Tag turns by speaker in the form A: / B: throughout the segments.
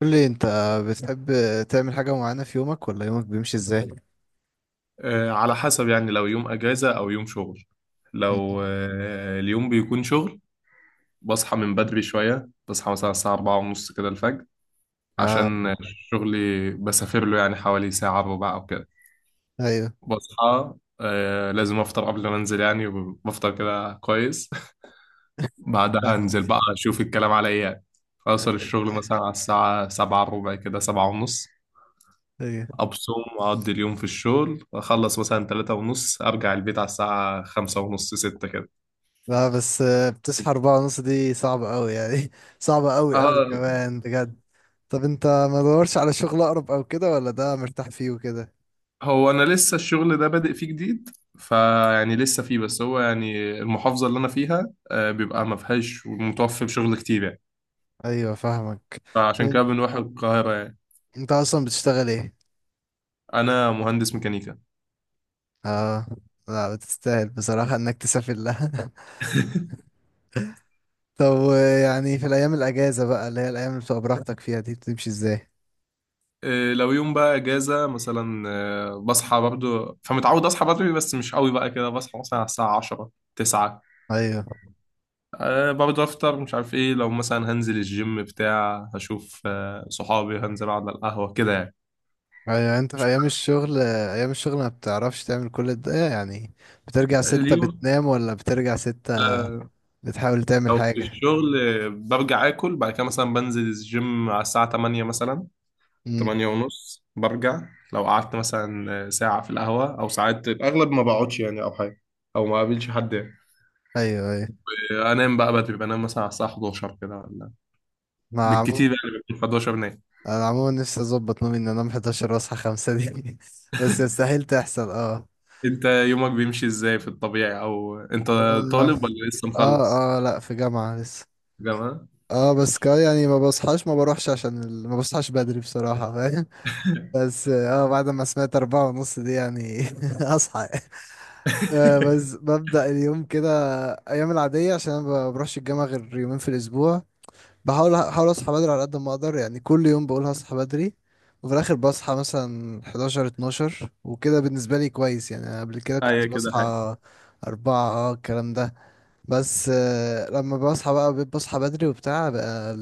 A: قول لي انت بتحب تعمل حاجة معينة في يومك ولا يومك بيمشي ازاي؟
B: على حسب يعني لو يوم اجازة او يوم شغل. لو
A: م-
B: آه، اليوم بيكون شغل. بصحى من بدري شوية، بصحى مثلا الساعة أربعة ونص كده الفجر،
A: اه،
B: عشان شغلي بسافر له يعني حوالي ساعة إلا ربع أو كده.
A: ايوه
B: بصحى آه لازم أفطر قبل ما أنزل يعني، وبفطر كده كويس. بعدها أنزل
A: فاهمك.
B: بقى أشوف الكلام على إيه يعني. أوصل الشغل مثلا على الساعة سبعة إلا ربع كده، سبعة ونص،
A: ايوه،
B: أبصم وأقضي اليوم في الشغل. أخلص مثلا تلاتة ونص، أرجع البيت على الساعة خمسة ونص ستة كده.
A: لا بس بتصحى أربعة ونص دي صعبة أوي يعني. صعبة أوي أوي
B: اه،
A: كمان بجد. طب انت ما دورش على شغل أقرب أو كده، ولا ده مرتاح فيه وكده؟
B: هو انا لسه الشغل ده بادئ فيه جديد، فيعني لسه فيه. بس هو يعني المحافظة اللي انا فيها بيبقى ما فيهاش متوفر شغل كتير يعني.
A: ايوه فاهمك.
B: فعشان
A: طب
B: كده بنروح القاهرة يعني.
A: انت أصلا بتشتغل ايه؟
B: انا مهندس ميكانيكا.
A: اه، لا بتستاهل بصراحة انك تسافر لها. طب، يعني في الأيام الأجازة بقى، اللي هي الأيام اللي بتبقى براحتك فيها دي، بتمشي ازاي؟
B: لو يوم بقى اجازة مثلا، بصحى برضو، فمتعود اصحى بدري بس مش قوي بقى كده. بصحى مثلا على الساعة 10 9.
A: ايوه
B: أه برضه افطر مش عارف ايه. لو مثلا هنزل الجيم بتاع، هشوف صحابي، هنزل اقعد على القهوة كده يعني.
A: ايوه. انت في ايام الشغل، ما بتعرفش تعمل كل ده يعني. بترجع ستة
B: اليوم
A: بتنام، ولا بترجع ستة
B: لا،
A: بتحاول تعمل
B: لو في
A: حاجة؟
B: الشغل برجع اكل، بعد كده مثلا بنزل الجيم على الساعة 8 مثلا،
A: امم،
B: 8 ونص برجع. لو قعدت مثلا ساعة في القهوة، او ساعات الاغلب ما بقعدش يعني، او حاجة او ما قابلش حد يعني.
A: ايوه ايوه.
B: انام بقى بدري، بنام مثلا على الساعة 11 كده ولا
A: مع عمو...
B: بالكتير يعني بكون 11 نايم.
A: انا عموما نفسي اظبط نومي ان انام 11 واصحى 5 دي. بس يستحيل تحصل. اه
B: انت يومك بيمشي ازاي في الطبيعي، او انت
A: اه
B: طالب ولا لسه مخلص
A: اه، لا في جامعة لسه.
B: جامعة؟
A: اه بس يعني ما بصحاش، ما بروحش عشان ال... ما بصحاش بدري بصراحة فاهم. بس اه بعد ما سمعت 4:30 دي يعني اصحى، بس ببدأ اليوم كده. أيام العادية عشان أنا ما بروحش الجامعة غير يومين في الأسبوع. بحاول أصحى بدري على قد ما أقدر يعني. كل يوم بقول هصحى بدري، وفي الآخر بصحى مثلا 11 12 وكده. بالنسبة لي كويس يعني. أنا قبل كده
B: ايوه
A: كنت
B: كده حاجة.
A: بصحى 4، اه الكلام ده. بس لما بصحى بقى بصحى بدري وبتاع بقى،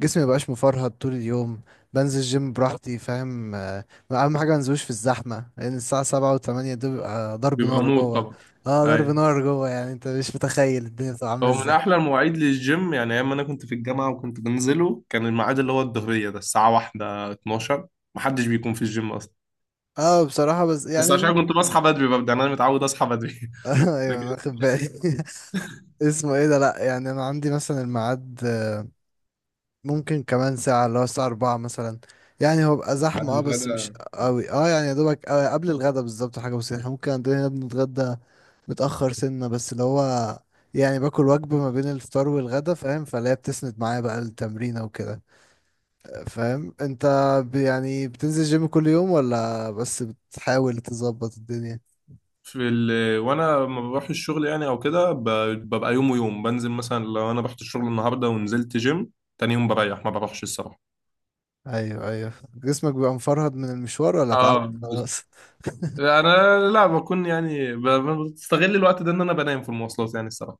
A: جسمي مبقاش مفرهد طول اليوم. بنزل جيم براحتي فاهم. اهم حاجه منزلوش في الزحمه، لان الساعه 7 و8 دول بيبقى ضرب
B: بيبقى
A: نار
B: موت
A: جوه.
B: طبعا.
A: اه ضرب
B: ايوه،
A: نار جوه يعني، انت مش متخيل الدنيا بتبقى عامله
B: هو من
A: ازاي.
B: احلى المواعيد للجيم. يعني ايام ما انا كنت في الجامعه وكنت بنزله، كان الميعاد اللي هو الظهريه ده، الساعه 1 12، محدش بيكون في الجيم اصلا.
A: اه بصراحه، بس
B: بس
A: يعني
B: عشان كنت
A: ممكن.
B: بصحى بدري ببدا، يعني انا متعود اصحى بدري.
A: ايوه
B: لكن
A: انا واخد بالي. اسمه ايه ده، لا يعني انا عندي مثلا الميعاد، ممكن كمان ساعة، اللي هو الساعة 4 مثلا. يعني هو بقى
B: بعد
A: زحمة اه، بس مش
B: الغدا
A: قوي، اه يعني يا دوبك قبل الغدا بالظبط، حاجة بسيطة. احنا ممكن عندنا هنا بنتغدى متأخر سنة، بس اللي هو يعني باكل وجبة ما بين الفطار والغدا، فاهم؟ فاللي هي بتسند معايا بقى التمرينة وكده. فاهم انت، يعني بتنزل جيم كل يوم، ولا بس بتحاول تظبط الدنيا؟
B: وانا لما بروح الشغل يعني او كده ببقى يوم ويوم. بنزل مثلا لو انا رحت الشغل النهارده ونزلت جيم، تاني يوم بريح ما بروحش الصراحه.
A: ايوه ايوه. جسمك بيبقى مفرهد من المشوار ولا تعود
B: اه بس-
A: خلاص؟
B: انا لا بكون يعني بستغل الوقت ده ان انا بنام في المواصلات يعني الصراحه.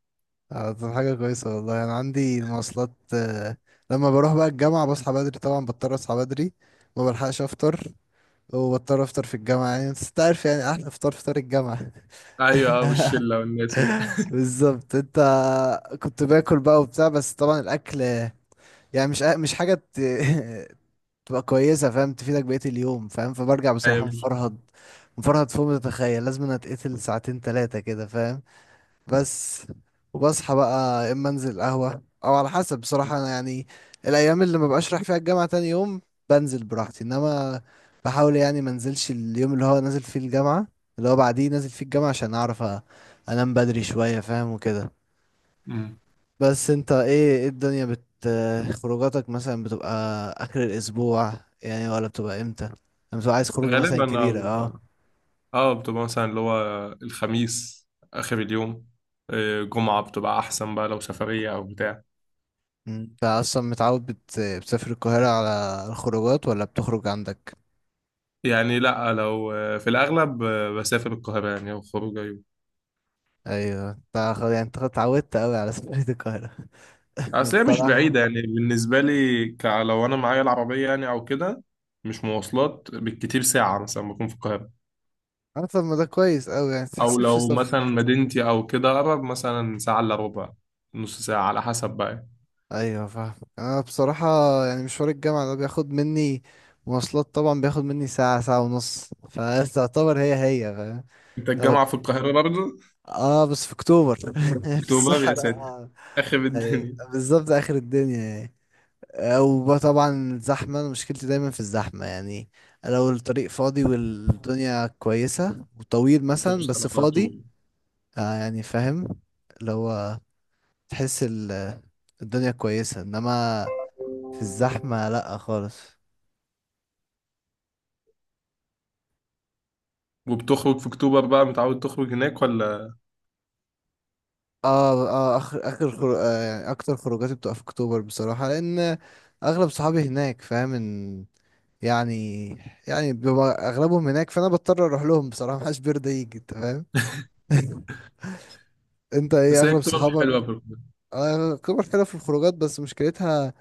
A: اه طب حاجة كويسة والله. أنا عندي المواصلات، لما بروح بقى الجامعة بصحى بدري طبعا، بضطر أصحى بدري. ما بلحقش أفطر، وبضطر أفطر في الجامعة يعني. بس أنت عارف يعني، أحلى فطار فطار الجامعة.
B: ايوه والشله والناس كده.
A: بالظبط. أنت كنت باكل بقى وبتاع، بس طبعا الأكل يعني مش حاجة ت... تبقى كويسة فاهم، تفيدك بقية اليوم، فاهم. فبرجع بصراحة
B: ايوه
A: مفرهد، مفرهد فوق ما تتخيل. لازم أنا أتقتل ساعتين تلاتة كده. بس وبصحى بقى، يا اما انزل قهوة او على حسب. بصراحة انا يعني الايام اللي ما بقاش رايح فيها الجامعة تاني يوم بنزل براحتي، انما بحاول يعني ما انزلش اليوم اللي هو نازل فيه الجامعة، اللي هو بعديه نازل فيه الجامعة، عشان اعرف انام بدري شوية، فاهم وكده. بس انت ايه الدنيا خروجاتك مثلا بتبقى اخر الاسبوع يعني، ولا بتبقى امتى لما بتبقى عايز خروجة مثلا
B: غالبا اه
A: كبيرة اه؟
B: بتبقى مثلا اللي هو الخميس آخر اليوم، جمعة بتبقى أحسن بقى لو سفرية أو بتاع.
A: مم. انت اصلا متعود بتسافر القاهرة على الخروجات، ولا بتخرج عندك؟
B: يعني لأ، لو في الأغلب، بسافر القاهرة يعني أو خروجة يوم.
A: ايوه، انت خلاص يعني، انت خلاص اتعودت قوي على سفرية القاهرة.
B: أصل هي مش
A: بصراحة.
B: بعيدة يعني بالنسبة لي. لو أنا معايا العربية يعني أو كده، مش مواصلات، بالكتير ساعة مثلا بكون في القاهرة.
A: انا طب ما ده كويس قوي يعني،
B: أو
A: متحسبش
B: لو مثلا
A: سفر.
B: مدينتي أو كده أقرب، مثلا ساعة إلا ربع، نص ساعة على حسب بقى يعني.
A: ايوه فاهم. انا بصراحة يعني مشوار الجامعة ده بياخد مني مواصلات طبعا، بياخد مني ساعة ساعة ونص فتعتبر هي هي فاهم.
B: أنت الجامعة في
A: أخد-
B: القاهرة برضه؟
A: اه بس في اكتوبر. في
B: أكتوبر يا ساتر،
A: الصحراء.
B: آخر
A: ايوه
B: الدنيا.
A: بالظبط اخر الدنيا يعني. وطبعا الزحمة، أنا مشكلتي دايما في الزحمة يعني. لو الطريق فاضي والدنيا كويسة وطويل مثلا
B: بتوصل
A: بس
B: على
A: فاضي،
B: طول.
A: يعني فاهم، اللي هو تحس الدنيا كويسة، انما في الزحمة لأ خالص.
B: وبتخرج في اكتوبر بقى، متعود تخرج هناك ولا؟
A: اه اه، يعني اكتر خروجاتي بتبقى في اكتوبر بصراحة، لان اغلب صحابي هناك، فاهم ان يعني يعني بيبقى اغلبهم هناك، فانا بضطر اروح لهم. بصراحة محدش بيرضى يجي انت فاهم. انت ايه
B: بس هي
A: اغلب
B: اكتوبر حلوه،
A: صحابك؟
B: في اكتوبر
A: الكبر حلوة في الخروجات، بس مشكلتها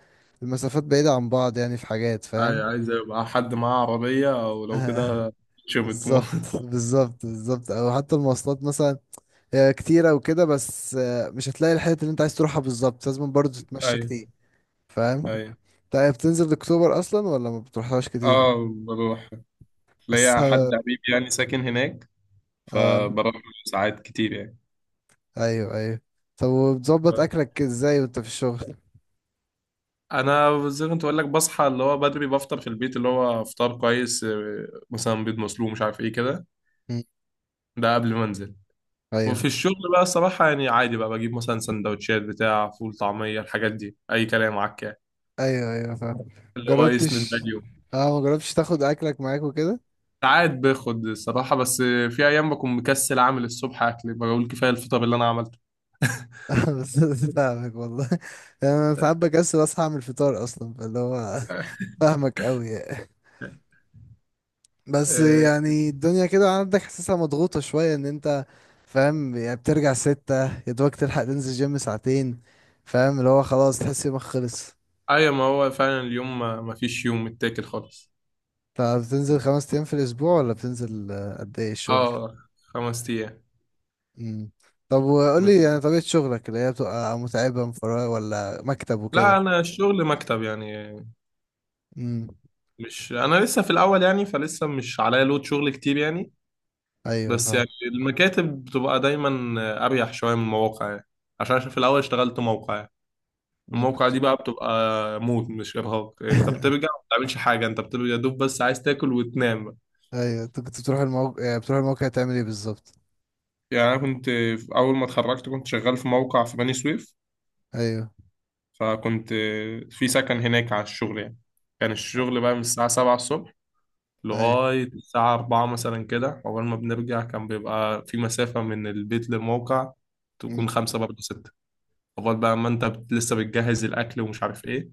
A: المسافات بعيدة عن بعض يعني، في حاجات
B: اي
A: فاهم.
B: عايز يبقى حد معاه عربيه او لو
A: آه،
B: كده. شبت مو.
A: بالظبط بالظبط بالظبط، او حتى المواصلات مثلا هي كتيرة وكده، بس مش هتلاقي الحتة اللي انت عايز تروحها بالظبط، لازم برضه تتمشى
B: اي
A: كتير فاهم.
B: اي.
A: طيب بتنزل اكتوبر اصلا، ولا ما بتروحهاش كتير؟
B: اه بروح،
A: بس
B: ليا حد حبيبي يعني ساكن هناك،
A: اه
B: فبروح ساعات كتير يعني.
A: ايوه ايوه. طب وبتظبط اكلك ازاي وانت في الشغل؟
B: انا زي ما كنت بقول لك، بصحى اللي هو بدري، بفطر في البيت اللي هو فطار كويس، مثلا بيض مسلوق مش عارف ايه كده،
A: مم،
B: ده قبل ما انزل. وفي
A: ايوه
B: الشغل بقى الصراحة يعني عادي بقى، بجيب مثلا سندوتشات بتاع فول طعمية الحاجات دي، أي كلام عكا
A: ايوه ايوه فاهم.
B: اللي هو يسند بقى
A: جربتش
B: اليوم.
A: اه ما جربتش تاخد اكلك معاك وكده؟
B: ساعات باخد الصراحة، بس في أيام بكون مكسل أعمل الصبح أكل، بقول كفاية الفطار اللي أنا عملته.
A: بس فاهمك والله. يعني انا ساعات بكسل اصحى اعمل فطار اصلا، فاللي هو فاهمك قوي يعني. بس
B: آه،
A: يعني الدنيا كده عندك حاسسها مضغوطه شويه ان انت فاهم يعني، بترجع ستة يا دوبك تلحق تنزل جيم ساعتين، فاهم، اللي هو خلاص تحس يومك خلص.
B: أيوة، ما هو فعلا اليوم ما فيش يوم متاكل خالص.
A: طب بتنزل 5 ايام في الاسبوع، ولا بتنزل، قد ايه الشغل؟
B: اه، خمس أيام.
A: مم. طب وقول لي
B: من-
A: يعني، طبيعه شغلك اللي هي بتبقى متعبه مفرقة، ولا مكتب
B: لا
A: وكده؟
B: أنا الشغل مكتب يعني.
A: امم
B: مش أنا لسه في الأول يعني، فلسه مش عليا لود شغل كتير يعني.
A: ايوه
B: بس
A: فاهم.
B: يعني المكاتب بتبقى دايما اريح شويه من المواقع يعني، عشان أنا في الاول اشتغلت موقع يعني.
A: أمم،
B: الموقع
A: كنت.
B: دي بقى بتبقى موت، مش ارهاق. انت بترجع ما بتعملش حاجه، انت بتبقى يا دوب بس عايز تاكل وتنام بقى.
A: ايوه انت كنت بتروح الموقع يعني، بتروح الموقع تعمل ايه بالظبط؟
B: يعني انا اول ما اتخرجت كنت شغال في موقع في بني سويف،
A: ايوه
B: فكنت في سكن هناك على الشغل يعني. كان الشغل بقى من الساعه 7 الصبح
A: ايوه.
B: لغايه الساعه 4 مثلا كده. اول ما بنرجع كان بيبقى في مسافه من البيت للموقع
A: أمم.
B: تكون خمسة برضه ستة، لغايه بقى ما انت لسه بتجهز الاكل ومش عارف ايه.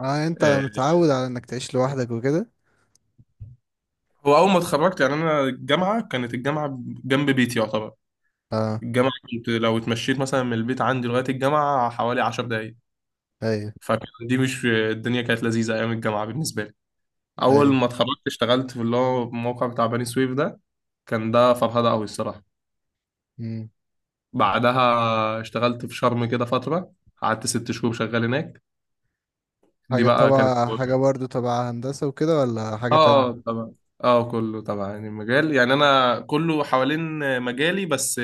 A: اه انت
B: آه،
A: متعود على انك تعيش لوحدك وكده؟
B: هو اول ما اتخرجت يعني، انا الجامعه كانت جنب بيتي يعتبر.
A: اه
B: الجامعه كنت لو اتمشيت مثلا من البيت عندي لغايه الجامعه حوالي 10 دقائق.
A: ايوه
B: فكان دي مش، الدنيا كانت لذيذه ايام الجامعه بالنسبه لي. اول
A: ايوه.
B: ما اتخرجت اشتغلت في اللي هو الموقع بتاع بني سويف ده، كان ده فرهده قوي الصراحه.
A: أمم.
B: بعدها اشتغلت في شرم كده فتره، قعدت 6 شهور شغال هناك. دي
A: حاجه
B: بقى كانت
A: طبعا، حاجه برضو تبع هندسه وكده، ولا حاجه
B: اه
A: تانية؟
B: اه طبعا. اه كله طبعا يعني المجال، يعني انا كله حوالين مجالي، بس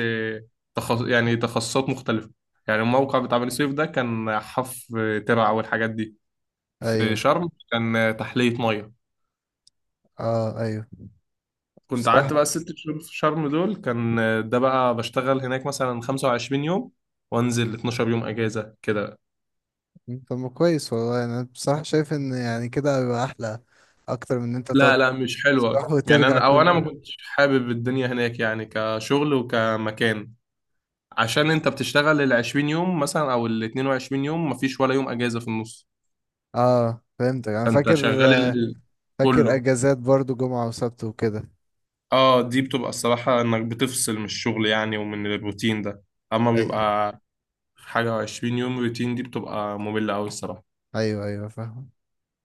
B: يعني تخصصات مختلفه. يعني الموقع بتاع بني سويف ده كان حف ترع والحاجات دي، في
A: ايوه
B: شرم كان تحليه ميه.
A: اه ايوه
B: كنت
A: بصراحه.
B: قعدت بقى ال 6 شهور في شرم دول، كان ده بقى بشتغل هناك مثلا 25 يوم وانزل 12 يوم اجازه كده.
A: أمم، طب ما كويس والله يعني. انا بصراحه شايف ان يعني كده بيبقى احلى اكتر من ان انت
B: لا
A: تقعد
B: لا مش حلوه
A: تروح
B: يعني،
A: وترجع
B: انا او انا ما
A: كل،
B: كنتش حابب الدنيا هناك يعني كشغل وكمكان. عشان انت بتشتغل ال 20 يوم مثلا او ال 22 يوم مفيش ولا يوم اجازة في النص.
A: اه فهمتك. انا
B: فانت
A: فاكر،
B: شغال كله.
A: اجازات برضو جمعة وسبت وكده.
B: اه دي بتبقى الصراحة انك بتفصل من الشغل يعني ومن الروتين ده. اما
A: أي-
B: بيبقى حاجة 20 يوم روتين، دي بتبقى مملة اوي الصراحة.
A: ايوه ايوه فاهم.